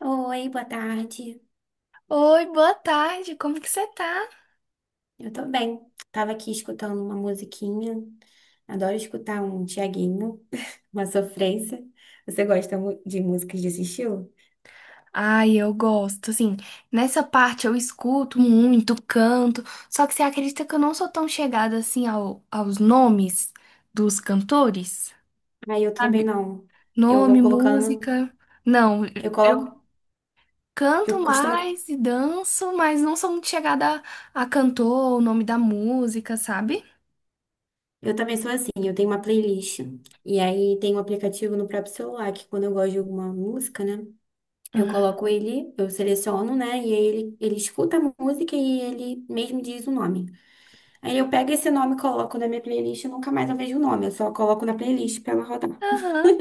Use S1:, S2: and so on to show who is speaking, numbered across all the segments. S1: Oi, boa tarde.
S2: Oi, boa tarde, como que você tá?
S1: Eu tô bem. Tava aqui escutando uma musiquinha. Adoro escutar um Thiaguinho, uma sofrência. Você gosta de músicas desse estilo?
S2: Ai, eu gosto, assim, nessa parte eu escuto muito, canto, só que você acredita que eu não sou tão chegada assim aos nomes dos cantores?
S1: Ah, eu também
S2: Sabe?
S1: não. Eu vou
S2: Nome,
S1: colocando,
S2: música. Não,
S1: eu
S2: eu
S1: coloco,
S2: canto
S1: eu costumo,
S2: mais e danço, mas não sou muito chegada a cantor, o nome da música, sabe?
S1: eu também sou assim, eu tenho uma playlist. E aí tem um aplicativo no próprio celular que quando eu gosto de alguma música, né? Eu
S2: Hum.
S1: coloco ele, eu seleciono, né? E aí ele escuta a música e ele mesmo diz o nome. Aí eu pego esse nome, coloco na minha playlist e nunca mais eu vejo o nome. Eu só coloco na playlist pra ela rodar.
S2: Aham.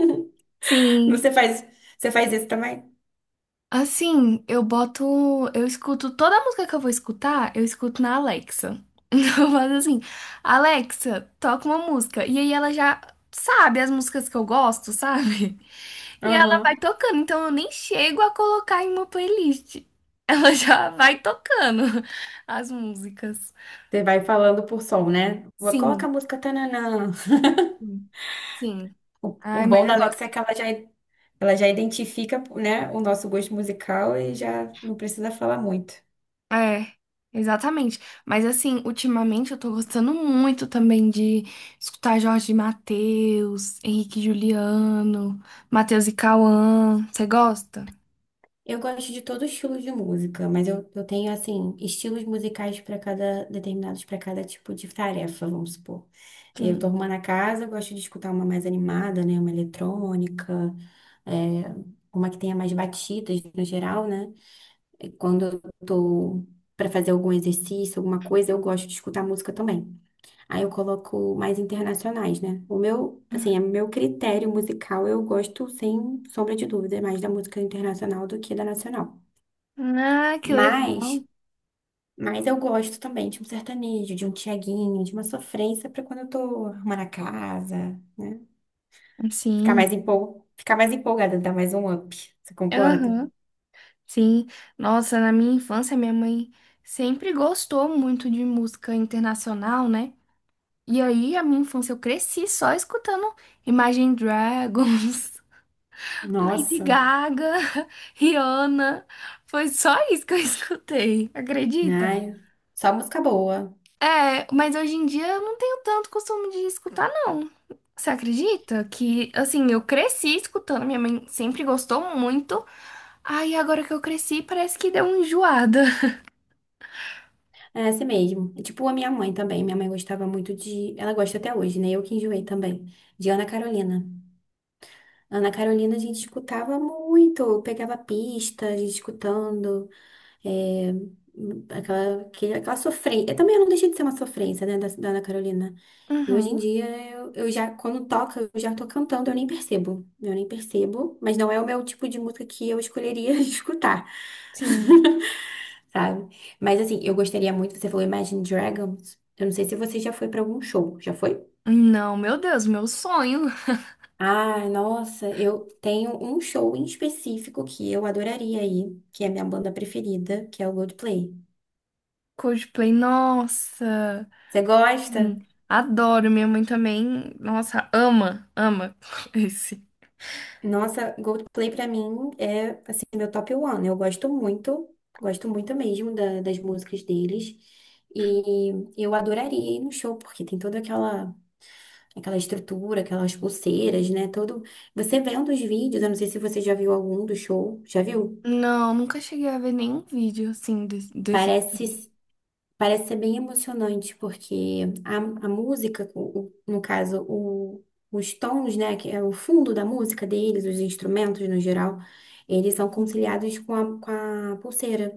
S2: Sim.
S1: Você faz, você faz isso também?
S2: Assim, eu boto. Eu escuto toda a música que eu vou escutar, eu escuto na Alexa. Então eu faço assim, Alexa, toca uma música. E aí ela já sabe as músicas que eu gosto, sabe? E ela vai
S1: Aham.
S2: tocando, então eu nem chego a colocar em uma playlist. Ela já vai tocando as músicas.
S1: Você vai falando por som, né? Vou colocar
S2: Sim,
S1: a música tananã.
S2: sim, sim.
S1: O
S2: Ai, mas
S1: bom da
S2: eu
S1: Alexa é
S2: gosto.
S1: que ela já identifica, né, o nosso gosto musical e já não precisa falar muito.
S2: É, exatamente. Mas assim, ultimamente eu tô gostando muito também de escutar Jorge Mateus, Henrique e Juliano, Mateus e Cauã. Você gosta?
S1: Eu gosto de todo estilo de música, mas eu tenho, assim, estilos musicais para cada, determinados para cada tipo de tarefa, vamos supor. Eu tô
S2: Sim.
S1: arrumando a casa, eu gosto de escutar uma mais animada, né? Uma eletrônica, é, uma que tenha mais batidas no geral, né? E quando eu tô para fazer algum exercício, alguma coisa, eu gosto de escutar música também. Aí eu coloco mais internacionais, né? O meu, assim, é meu critério musical, eu gosto, sem sombra de dúvida, mais da música internacional do que da nacional.
S2: Ah, que
S1: Mas,
S2: legal.
S1: mas eu gosto também de um sertanejo, de um Tiaguinho, de uma sofrência para quando eu tô arrumando a casa, né? Ficar
S2: Sim.
S1: mais Ficar mais empolgada, dar mais um up. Você concorda?
S2: Aham. Sim. Nossa, na minha infância, minha mãe sempre gostou muito de música internacional, né? E aí, a minha infância, eu cresci só escutando Imagine Dragons. Lady
S1: Nossa,
S2: Gaga, Rihanna, foi só isso que eu escutei, acredita?
S1: ai, só música boa.
S2: É, mas hoje em dia eu não tenho tanto costume de escutar, não. Você acredita que, assim, eu cresci escutando, minha mãe sempre gostou muito, aí agora que eu cresci parece que deu uma enjoada.
S1: É assim mesmo. E, tipo a minha mãe também. Minha mãe gostava muito de. Ela gosta até hoje, né? Eu que enjoei também. De Ana Carolina. Ana Carolina a gente escutava muito. Eu pegava pista, a gente escutando. É, aquela sofrência. Também não deixei de ser uma sofrência, né, da Ana Carolina. E hoje em
S2: Uhum,
S1: dia, eu já, quando toca, eu já tô cantando, eu nem percebo. Eu nem percebo, mas não é o meu tipo de música que eu escolheria escutar,
S2: sim.
S1: sabe? Mas assim, eu gostaria muito, você falou Imagine Dragons. Eu não sei se você já foi pra algum show. Já foi?
S2: Não, meu Deus, meu sonho.
S1: Ah, nossa, eu tenho um show em específico que eu adoraria ir, que é a minha banda preferida, que é o Coldplay.
S2: Coldplay, nossa,
S1: Você
S2: sim,
S1: gosta?
S2: adoro, minha mãe também, nossa, ama, ama esse.
S1: Nossa, Coldplay pra mim é assim meu top one. Eu gosto muito mesmo das músicas deles. E eu adoraria ir no show, porque tem toda aquela estrutura, aquelas pulseiras, né? Todo. Você vendo os vídeos, eu não sei se você já viu algum do show. Já viu?
S2: Não, nunca cheguei a ver nenhum vídeo assim desse.
S1: Parece Parece ser bem emocionante, porque a música, no caso, os tons, né, que é o fundo da música deles, os instrumentos no geral, eles são
S2: Hum.
S1: conciliados com a pulseira.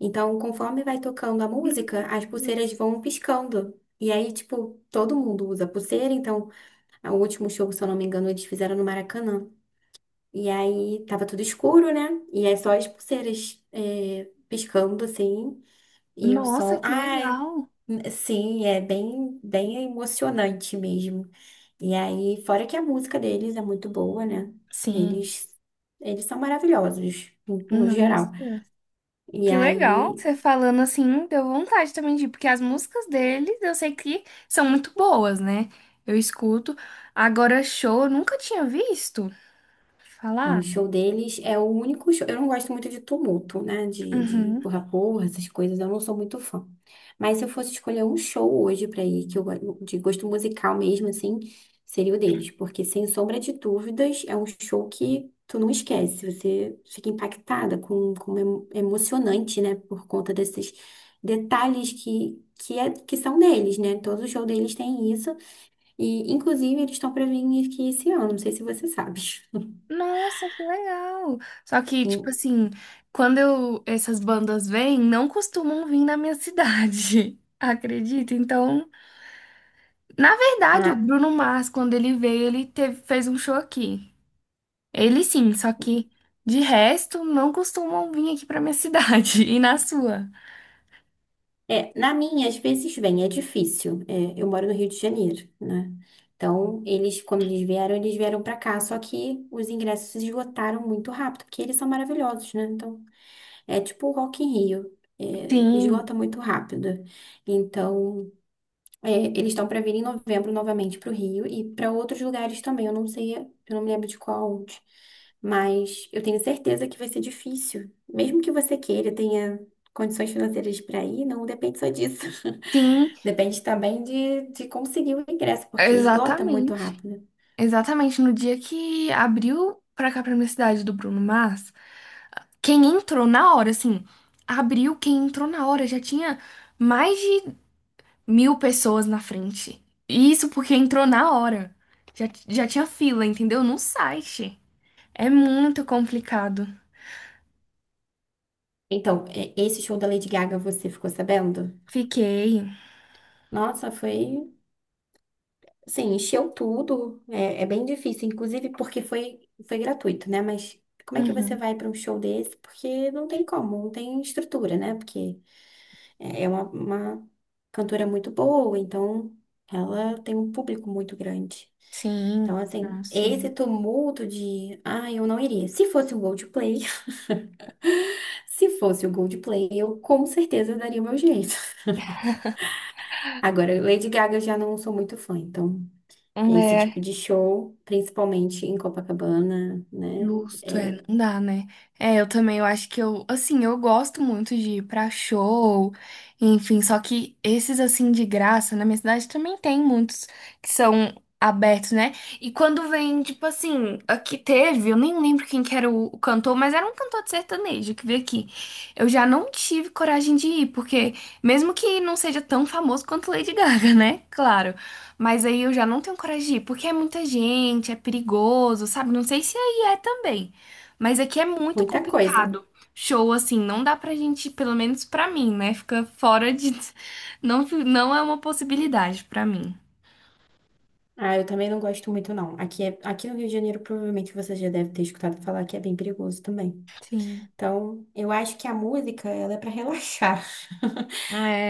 S1: Então, conforme vai tocando a música, as pulseiras vão piscando. E aí, tipo, todo mundo usa pulseira. Então, o último show, se eu não me engano, eles fizeram no Maracanã. E aí, tava tudo escuro, né? E é só as pulseiras, é, piscando, assim. E o
S2: Nossa,
S1: som,
S2: que
S1: ai,
S2: legal!
S1: sim, é bem, bem emocionante mesmo. E aí, fora que a música deles é muito boa, né?
S2: Sim,
S1: Eles, eles são maravilhosos, no geral.
S2: nossa.
S1: E
S2: Que legal,
S1: aí,
S2: você falando assim, deu vontade também de ir, porque as músicas deles eu sei que são muito boas, né? Eu escuto. Agora, show, eu nunca tinha visto
S1: ah, o
S2: falar.
S1: show deles é o único show. Eu não gosto muito de tumulto, né? De
S2: Uhum.
S1: porra-porra, essas coisas. Eu não sou muito fã. Mas se eu fosse escolher um show hoje pra ir, que eu de gosto musical mesmo, assim, seria o deles. Porque, sem sombra de dúvidas, é um show que tu não esquece. Você fica impactada, com emocionante, né? Por conta desses detalhes que são deles, né? Todo show deles tem isso. E, inclusive, eles estão pra vir aqui esse ano. Não sei se você sabe.
S2: Nossa, que legal! Só que, tipo
S1: E-
S2: assim, quando eu, essas bandas vêm, não costumam vir na minha cidade, acredita? Então. Na verdade, o
S1: ah,
S2: Bruno Mars, quando ele veio, ele fez um show aqui. Ele sim, só que de resto não costumam vir aqui pra minha cidade e na sua.
S1: é, na minha, às vezes vem, é difícil. É, eu moro no Rio de Janeiro, né? Então, quando eles vieram pra cá, só que os ingressos se esgotaram muito rápido, porque eles são maravilhosos, né? Então, é tipo o Rock in Rio, é,
S2: Sim,
S1: esgota muito rápido. Então, é, eles estão para vir em novembro novamente para o Rio e para outros lugares também. Eu não sei, eu não me lembro de qual onde. Mas eu tenho certeza que vai ser difícil. Mesmo que você queira, tenha condições financeiras para ir, não depende só disso.
S2: sim,
S1: Depende também de conseguir o ingresso, porque esgota muito
S2: exatamente.
S1: rápido.
S2: Exatamente no dia que abriu pra cá pra minha cidade do Bruno Mars, quem entrou na hora, assim, abriu, quem entrou na hora já tinha mais de mil pessoas na frente. E isso porque entrou na hora. Já tinha fila, entendeu? No site. É muito complicado.
S1: Então, é, esse show da Lady Gaga, você ficou sabendo?
S2: Fiquei.
S1: Nossa, foi. Sim, encheu tudo. É, é bem difícil, inclusive porque foi gratuito, né? Mas como é que você
S2: Uhum.
S1: vai para um show desse? Porque não tem como, não tem estrutura, né? Porque uma cantora muito boa, então ela tem um público muito grande. Então,
S2: Sim, ah,
S1: assim, esse
S2: sim.
S1: tumulto de, ah, eu não iria. Se fosse o Coldplay, se fosse o Coldplay, eu com certeza daria o meu jeito. Agora, Lady Gaga eu já não sou muito fã, então. Esse tipo
S2: É,
S1: de show, principalmente em Copacabana, né?
S2: justo, é,
S1: É
S2: não dá, né? É, eu também, eu acho que eu, assim, eu gosto muito de ir pra show, enfim, só que esses, assim, de graça, na minha cidade também tem muitos que são abertos, né? E quando vem, tipo assim, aqui teve, eu nem lembro quem que era o cantor, mas era um cantor de sertanejo que veio aqui. Eu já não tive coragem de ir, porque mesmo que não seja tão famoso quanto Lady Gaga, né? Claro. Mas aí eu já não tenho coragem de ir, porque é muita gente, é perigoso, sabe? Não sei se é e é também. Mas aqui é muito
S1: muita coisa.
S2: complicado. Show, assim, não dá pra gente, pelo menos pra mim, né? Fica fora de. Não, não é uma possibilidade pra mim.
S1: Ah, eu também não gosto muito, não. Aqui, aqui no Rio de Janeiro, provavelmente você já deve ter escutado falar que é bem perigoso também.
S2: Sim.
S1: Então, eu acho que a música, ela é para relaxar.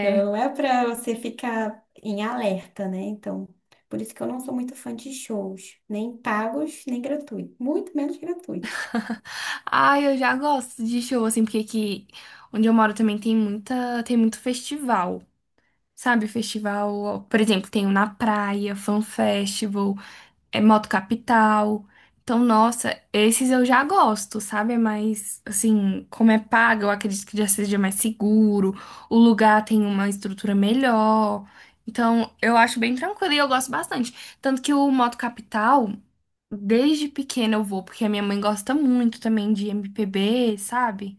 S1: Ela não é para você ficar em alerta, né? Então, por isso que eu não sou muito fã de shows, nem pagos, nem gratuitos, muito menos gratuitos.
S2: Ai, eu já gosto de show, assim, porque aqui onde eu moro também tem muita, tem muito festival. Sabe, festival, por exemplo, tem o Na Praia, Fan Festival. É Moto Capital. Então, nossa, esses eu já gosto, sabe? Mas, assim, como é pago, eu acredito que já seja mais seguro, o lugar tem uma estrutura melhor. Então, eu acho bem tranquilo e eu gosto bastante. Tanto que o Moto Capital, desde pequena eu vou, porque a minha mãe gosta muito também de MPB, sabe?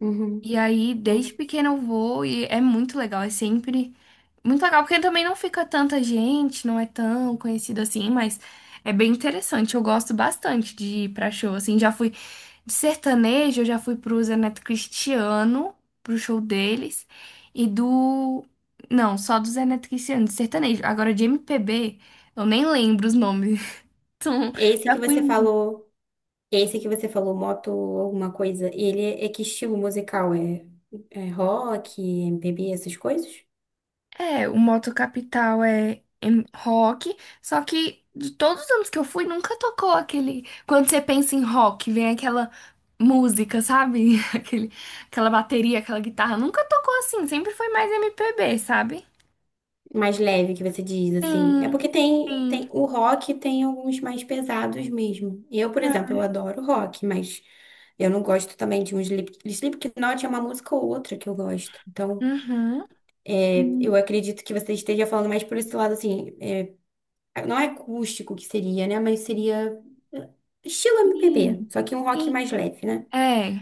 S1: Uhum.
S2: E aí, desde pequena eu vou e é muito legal, é sempre. Muito legal, porque também não fica tanta gente, não é tão conhecido assim, mas é bem interessante. Eu gosto bastante de ir pra show, assim. Já fui de sertanejo, eu já fui pro Zé Neto Cristiano, pro show deles, e do. Não, só do Zé Neto Cristiano, de sertanejo. Agora, de MPB, eu nem lembro os nomes. Então,
S1: Esse
S2: já
S1: que
S2: fui.
S1: você falou. Esse que você falou, moto alguma coisa, ele é, é que estilo musical? É, é rock, MPB, essas coisas?
S2: É, o Moto Capital é em rock, só que de todos os anos que eu fui, nunca tocou aquele. Quando você pensa em rock, vem aquela música, sabe? Aquela bateria, aquela guitarra. Nunca tocou assim, sempre foi mais MPB, sabe?
S1: Mais leve que você diz, assim. É
S2: Sim,
S1: porque
S2: sim.
S1: tem o rock tem alguns mais pesados mesmo. Eu, por exemplo, eu adoro rock, mas eu não gosto também de um Slipknot é uma música ou outra que eu gosto. Então,
S2: Uhum.
S1: é,
S2: Sim,
S1: eu acredito que você esteja falando mais por esse lado, assim, é, não é acústico que seria, né? Mas seria eh, estilo MPB, só que um rock
S2: sim.
S1: mais leve, né?
S2: É.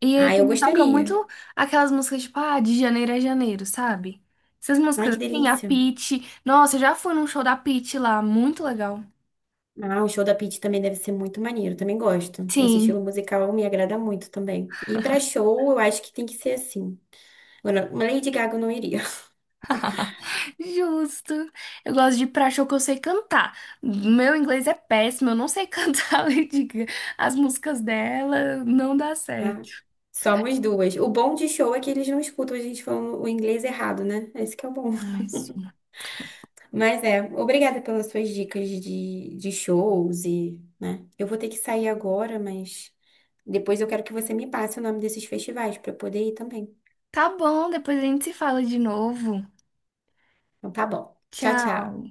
S2: E ele
S1: Ah, eu
S2: também toca
S1: gostaria.
S2: muito aquelas músicas tipo, ah, de janeiro a janeiro, sabe? Essas
S1: Ai,
S2: músicas
S1: que
S2: assim, a
S1: delícia.
S2: Pitty. Nossa, eu já fui num show da Pitty lá, muito legal.
S1: Ah, o show da Pitty também deve ser muito maneiro, também gosto. Esse estilo
S2: Sim,
S1: musical me agrada muito também. E pra show, eu acho que tem que ser assim. Agora, uma Lady Gaga eu não iria,
S2: justo. Eu gosto de ir pra show que eu sei cantar. Meu inglês é péssimo, eu não sei cantar a Lady Gaga. As músicas dela não dá
S1: tá?
S2: certo.
S1: Somos duas. O bom de show é que eles não escutam a gente falando o inglês errado, né? Esse que é o bom.
S2: Mas, sim.
S1: Mas é, obrigada pelas suas dicas de shows e, né? Eu vou ter que sair agora, mas depois eu quero que você me passe o nome desses festivais pra eu poder ir também.
S2: Tá bom, depois a gente se fala de novo.
S1: Então tá bom. Tchau,
S2: Tchau.
S1: tchau.